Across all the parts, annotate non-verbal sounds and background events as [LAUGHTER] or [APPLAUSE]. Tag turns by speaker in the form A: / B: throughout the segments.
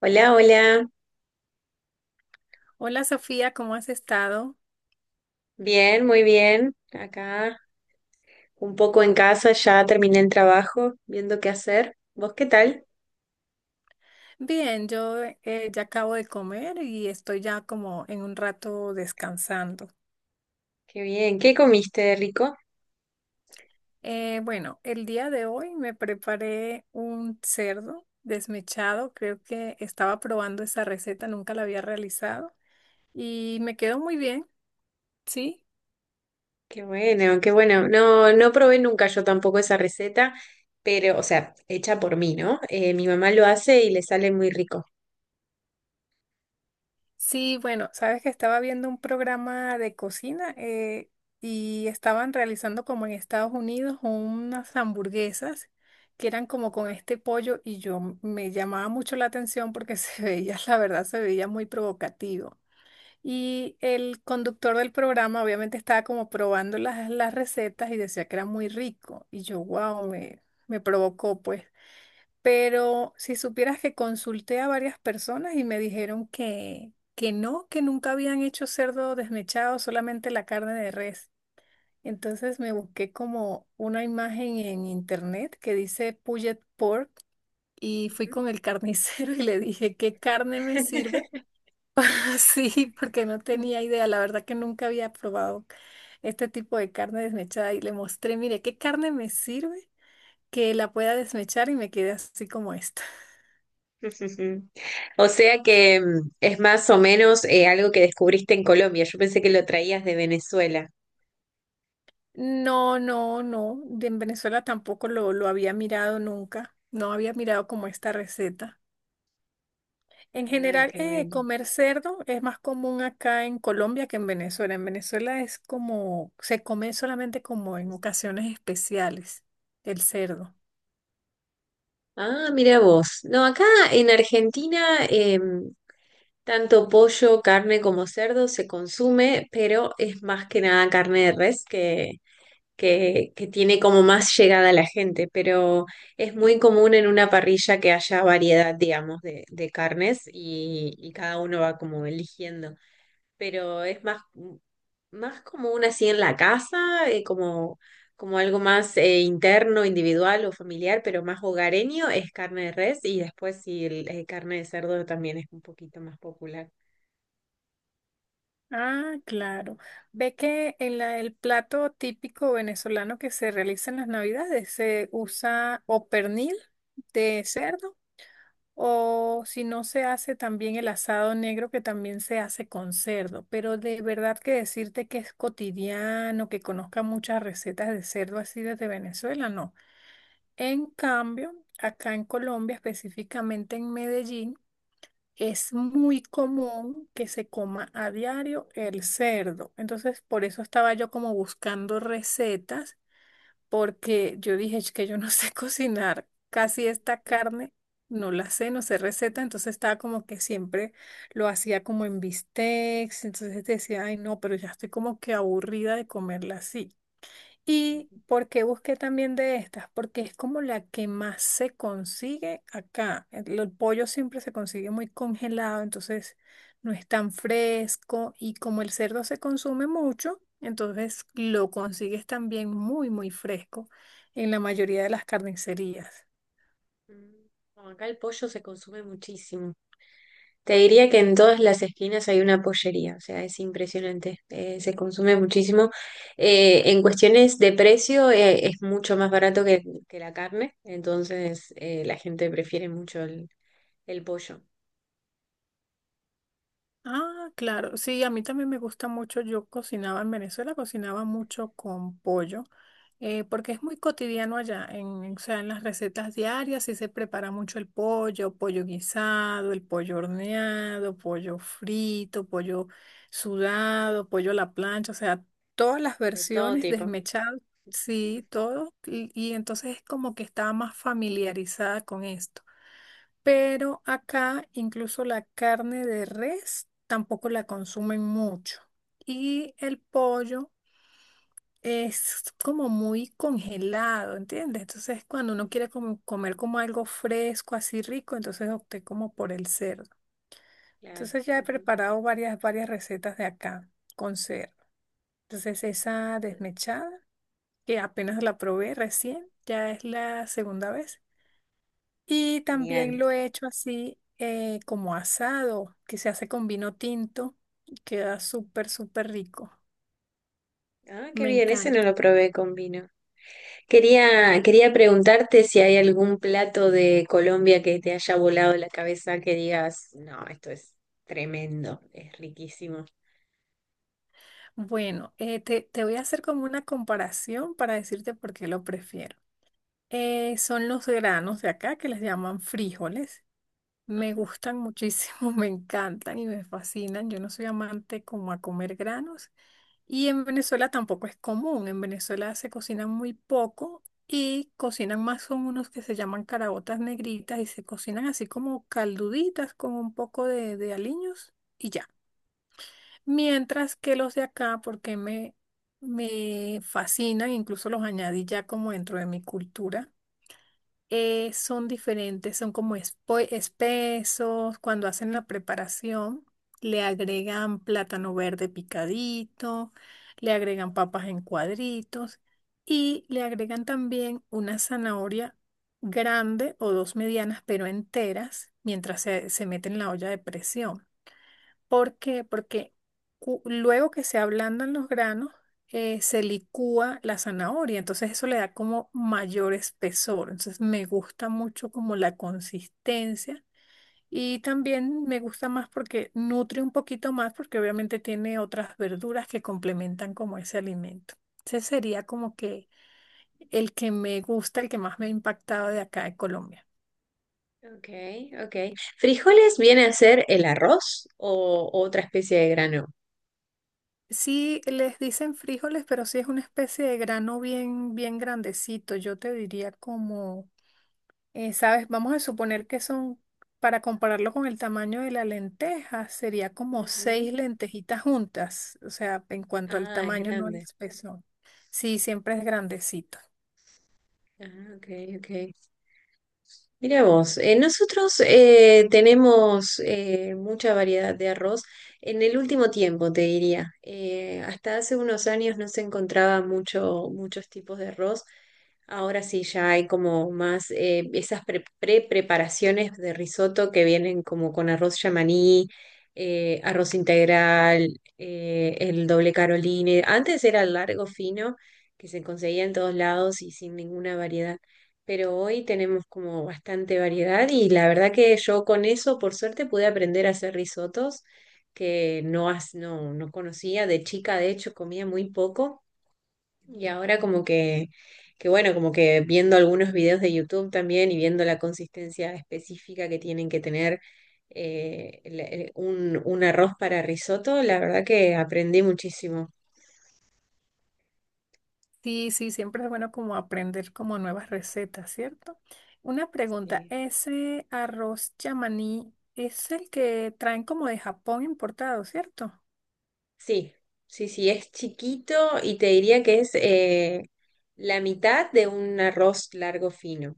A: Hola, hola.
B: Hola Sofía, ¿cómo has estado?
A: Bien, muy bien. Acá un poco en casa, ya terminé el trabajo, viendo qué hacer. ¿Vos qué tal?
B: Bien, yo ya acabo de comer y estoy ya como en un rato descansando.
A: Qué bien. ¿Qué comiste, rico?
B: Bueno, el día de hoy me preparé un cerdo desmechado, creo que estaba probando esa receta, nunca la había realizado y me quedó muy bien, sí.
A: Qué bueno, qué bueno. No, no probé nunca yo tampoco esa receta, pero, o sea, hecha por mí, ¿no? Mi mamá lo hace y le sale muy rico.
B: Sí, bueno, sabes que estaba viendo un programa de cocina y estaban realizando como en Estados Unidos unas hamburguesas que eran como con este pollo y yo me llamaba mucho la atención porque se [LAUGHS] veía, la verdad, se veía muy provocativo. Y el conductor del programa obviamente estaba como probando las recetas y decía que era muy rico y yo, wow, me provocó pues. Pero si supieras que consulté a varias personas y me dijeron que no, que nunca habían hecho cerdo desmechado, solamente la carne de res. Entonces me busqué como una imagen en internet que dice Pulled Pork y fui
A: Ujú.
B: con el carnicero [LAUGHS] y le dije, ¿qué carne me sirve? [LAUGHS]
A: [LAUGHS]
B: sí, porque no tenía idea. La verdad que nunca había probado este tipo de carne desmechada y le mostré, mire, ¿qué carne me sirve que la pueda desmechar? Y me quedé así como esto.
A: [LAUGHS] Ujú. O sea que es más o menos algo que descubriste en Colombia. Yo pensé que lo traías de Venezuela.
B: No, no, no. De en Venezuela tampoco lo había mirado nunca. No había mirado como esta receta. En
A: Ah,
B: general,
A: qué bueno.
B: comer cerdo es más común acá en Colombia que en Venezuela. En Venezuela es como, se come solamente como en ocasiones especiales el cerdo.
A: Ah, mira vos. No, acá en Argentina tanto pollo, carne como cerdo se consume, pero es más que nada carne de res que tiene como más llegada a la gente. Pero es muy común en una parrilla que haya variedad, digamos, de carnes y cada uno va como eligiendo. Pero es más. Más como una así en la casa, como algo más interno, individual o familiar, pero más hogareño es carne de res y después sí, carne de cerdo también es un poquito más popular.
B: Ah, claro. Ve que en el plato típico venezolano que se realiza en las Navidades se usa o pernil de cerdo. O si no se hace también el asado negro, que también se hace con cerdo. Pero de verdad que decirte que es cotidiano, que conozca muchas recetas de cerdo así desde Venezuela, no. En cambio, acá en Colombia, específicamente en Medellín, es muy común que se coma a diario el cerdo. Entonces, por eso estaba yo como buscando recetas porque yo dije, es que yo no [LAUGHS] sé cocinar casi esta carne, no la sé, no sé receta, entonces estaba como que siempre lo hacía como en bistecs, entonces decía, ay no, pero ya estoy como que aburrida de comerla así. ¿Y
A: Ujú.
B: por qué busqué también de estas? Porque es como la que más se consigue acá. El pollo siempre se consigue muy congelado, entonces no es tan fresco y como el cerdo se consume mucho, entonces lo consigues también muy, muy fresco en la mayoría de las carnicerías.
A: Mm, no, acá el pollo se consume muchísimo. Te diría que en todas las esquinas hay una pollería, o sea, es impresionante, se consume muchísimo. En cuestiones de precio, es mucho más barato que la carne, entonces la gente prefiere mucho el pollo.
B: Ah, claro. Sí, a mí también me gusta mucho. Yo cocinaba en Venezuela, cocinaba mucho con pollo, porque es muy cotidiano allá. En, o sea, en las recetas diarias sí se prepara mucho el pollo, pollo guisado, el pollo horneado, pollo frito, pollo sudado, pollo a la plancha. O sea, todas las
A: De todo
B: versiones
A: tipo.
B: desmechadas, sí, todo. Y entonces es como que estaba más familiarizada con esto, pero acá incluso la carne de res tampoco la consumen mucho. Y el pollo es como muy congelado, ¿entiendes? Entonces, cuando uno quiere como comer como algo fresco, así rico, entonces opté como por el cerdo.
A: Claro.
B: Entonces ya he
A: Ujú.
B: preparado varias, varias recetas de acá con cerdo. Entonces esa desmechada, que apenas la probé recién, ya es la segunda vez. Y también
A: Genial.
B: lo he hecho así como asado, que se hace con vino tinto. Queda súper, súper rico.
A: Ah, qué
B: Me
A: bien, ese no
B: encanta.
A: lo probé con vino. Quería preguntarte si hay algún plato de Colombia que te haya volado la cabeza que digas, no, esto es tremendo, es riquísimo.
B: Bueno, te voy a hacer como una comparación para decirte por qué lo prefiero. Son los granos de acá que les llaman frijoles. Me
A: Ajá.
B: gustan muchísimo, [LAUGHS] me encantan y me fascinan. Yo no soy amante como a comer granos y en Venezuela tampoco es común. En Venezuela se cocinan muy poco y cocinan más son unos que se llaman caraotas negritas y se cocinan así como calduditas con un poco de aliños y ya. Mientras que los de acá, porque me fascinan, incluso los añadí ya como dentro de mi cultura. Son diferentes, son como espesos. Cuando hacen la preparación, le agregan plátano verde picadito, le agregan papas en cuadritos y le agregan también una zanahoria grande o dos medianas, pero enteras, mientras se mete en la olla de presión. ¿Por qué? Porque luego que se ablandan los granos, se licúa la zanahoria, entonces eso le da como mayor espesor. Entonces me gusta mucho como la consistencia y también me gusta más porque nutre un poquito más porque obviamente tiene otras verduras que complementan como ese alimento. Ese sería como que el que me gusta, el que más me ha impactado de acá de Colombia.
A: Ok, ok. ¿Frijoles viene a ser el arroz o otra especie de grano?
B: Sí, les dicen frijoles, pero sí es una especie de grano bien, bien grandecito. Yo te diría como, ¿sabes? Vamos a suponer que son, para compararlo con el tamaño de la lenteja, sería como seis
A: Ujú.
B: lentejitas juntas. O sea, en cuanto al
A: Ah, es
B: tamaño, no al
A: grande.
B: espesor. Sí, siempre es grandecito.
A: Ah, ok, ok. Mira vos, nosotros tenemos mucha variedad de arroz en el último tiempo, te diría. Hasta hace unos años no se encontraba mucho, muchos tipos de arroz. Ahora sí ya hay como más esas pre- pre-preparaciones de risotto que vienen como con arroz yamaní, arroz integral, el doble caroline. Antes era el largo fino que se conseguía en todos lados y sin ninguna variedad, pero hoy tenemos como bastante variedad y la verdad que yo con eso, por suerte, pude aprender a hacer risotos que no, no, no conocía. De chica, de hecho, comía muy poco y ahora como que, bueno, como que viendo algunos videos de YouTube también y viendo la consistencia específica que tienen que tener. Un arroz para risotto, la verdad que aprendí muchísimo.
B: Sí, sí, siempre es bueno como aprender como nuevas recetas, ¿cierto? Una pregunta,
A: Sí.
B: ese arroz chamaní es el que traen como de Japón importado, ¿cierto?
A: Sí, sí, sí, es chiquito y te diría que es la mitad de un arroz largo fino.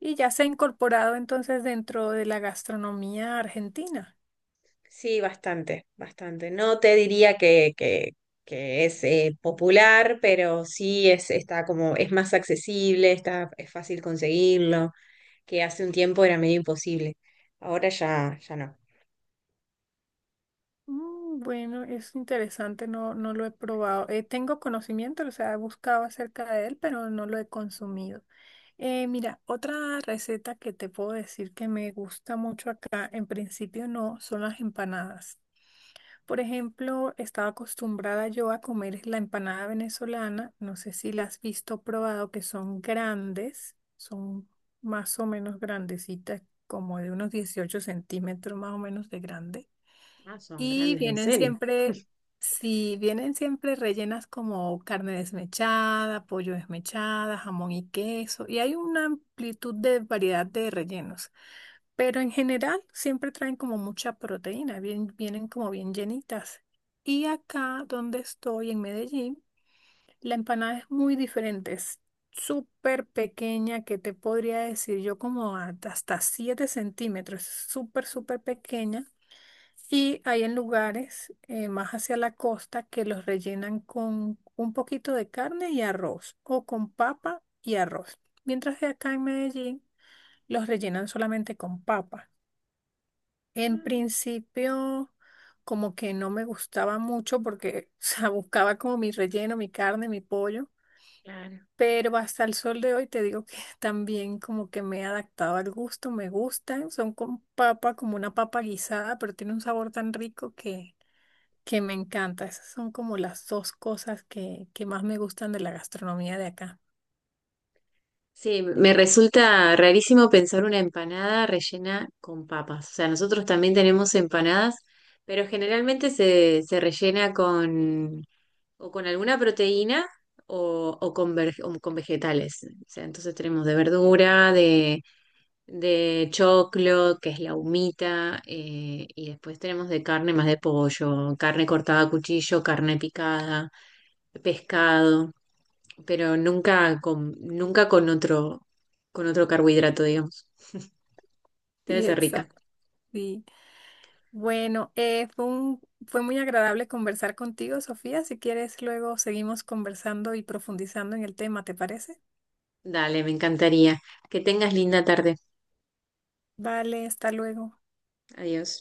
B: Y ya se ha incorporado entonces dentro de la gastronomía argentina.
A: Sí, bastante, bastante. No te diría que es popular, pero sí es, está como, es más accesible, está, es fácil conseguirlo, que hace un tiempo era medio imposible. Ahora ya, ya no.
B: Bueno, es interesante, no, no lo he probado. Tengo conocimiento, o sea, he buscado acerca de él, pero no lo he consumido. Mira, otra receta que te puedo decir que me gusta mucho acá, en principio no, son las empanadas. Por ejemplo, estaba acostumbrada yo a comer la empanada venezolana, no sé si la has visto o probado, que son grandes, son más o menos grandecitas, como de unos 18 centímetros más o menos de grande.
A: Ah, son
B: Y
A: grandes, en
B: vienen
A: serio.
B: siempre,
A: [LAUGHS]
B: si vienen siempre rellenas como carne desmechada, pollo desmechada, jamón y queso, y hay una amplitud de variedad de rellenos. Pero en general siempre traen como mucha proteína, bien, vienen como bien llenitas. Y acá donde estoy, en Medellín, la empanada es muy diferente, es súper pequeña, que te podría decir yo como hasta 7 centímetros, súper, súper pequeña, y hay en lugares más hacia la costa que los rellenan con un poquito de carne y arroz o con papa y arroz. Mientras que acá en Medellín los rellenan solamente con papa. En
A: Mm.
B: principio como que no me gustaba mucho porque [LAUGHS] o sea, buscaba como mi relleno, mi carne, mi pollo.
A: Claro.
B: Pero hasta el sol de hoy te digo que [LAUGHS] también como que me he adaptado al gusto, me gustan, son con papa, como una papa guisada, pero tiene un sabor tan rico que me encanta. Esas son como las dos cosas que más me gustan de la gastronomía de acá. [LAUGHS]
A: Sí, me resulta rarísimo pensar una empanada rellena con papas. O sea, nosotros también tenemos empanadas, pero generalmente se, se rellena con o con alguna proteína o con, o con vegetales. O sea, entonces tenemos de verdura, de choclo, que es la humita, y después tenemos de carne más de pollo, carne cortada a cuchillo, carne picada, pescado, pero nunca con, nunca con otro, con otro carbohidrato, digamos. [LAUGHS] Debe
B: Sí,
A: ser rica.
B: exacto. Sí. Bueno, fue muy agradable conversar contigo, Sofía. Si quieres, luego seguimos conversando y profundizando en el tema, ¿te parece?
A: Dale, me encantaría. Que tengas linda tarde.
B: Vale, hasta luego.
A: Adiós.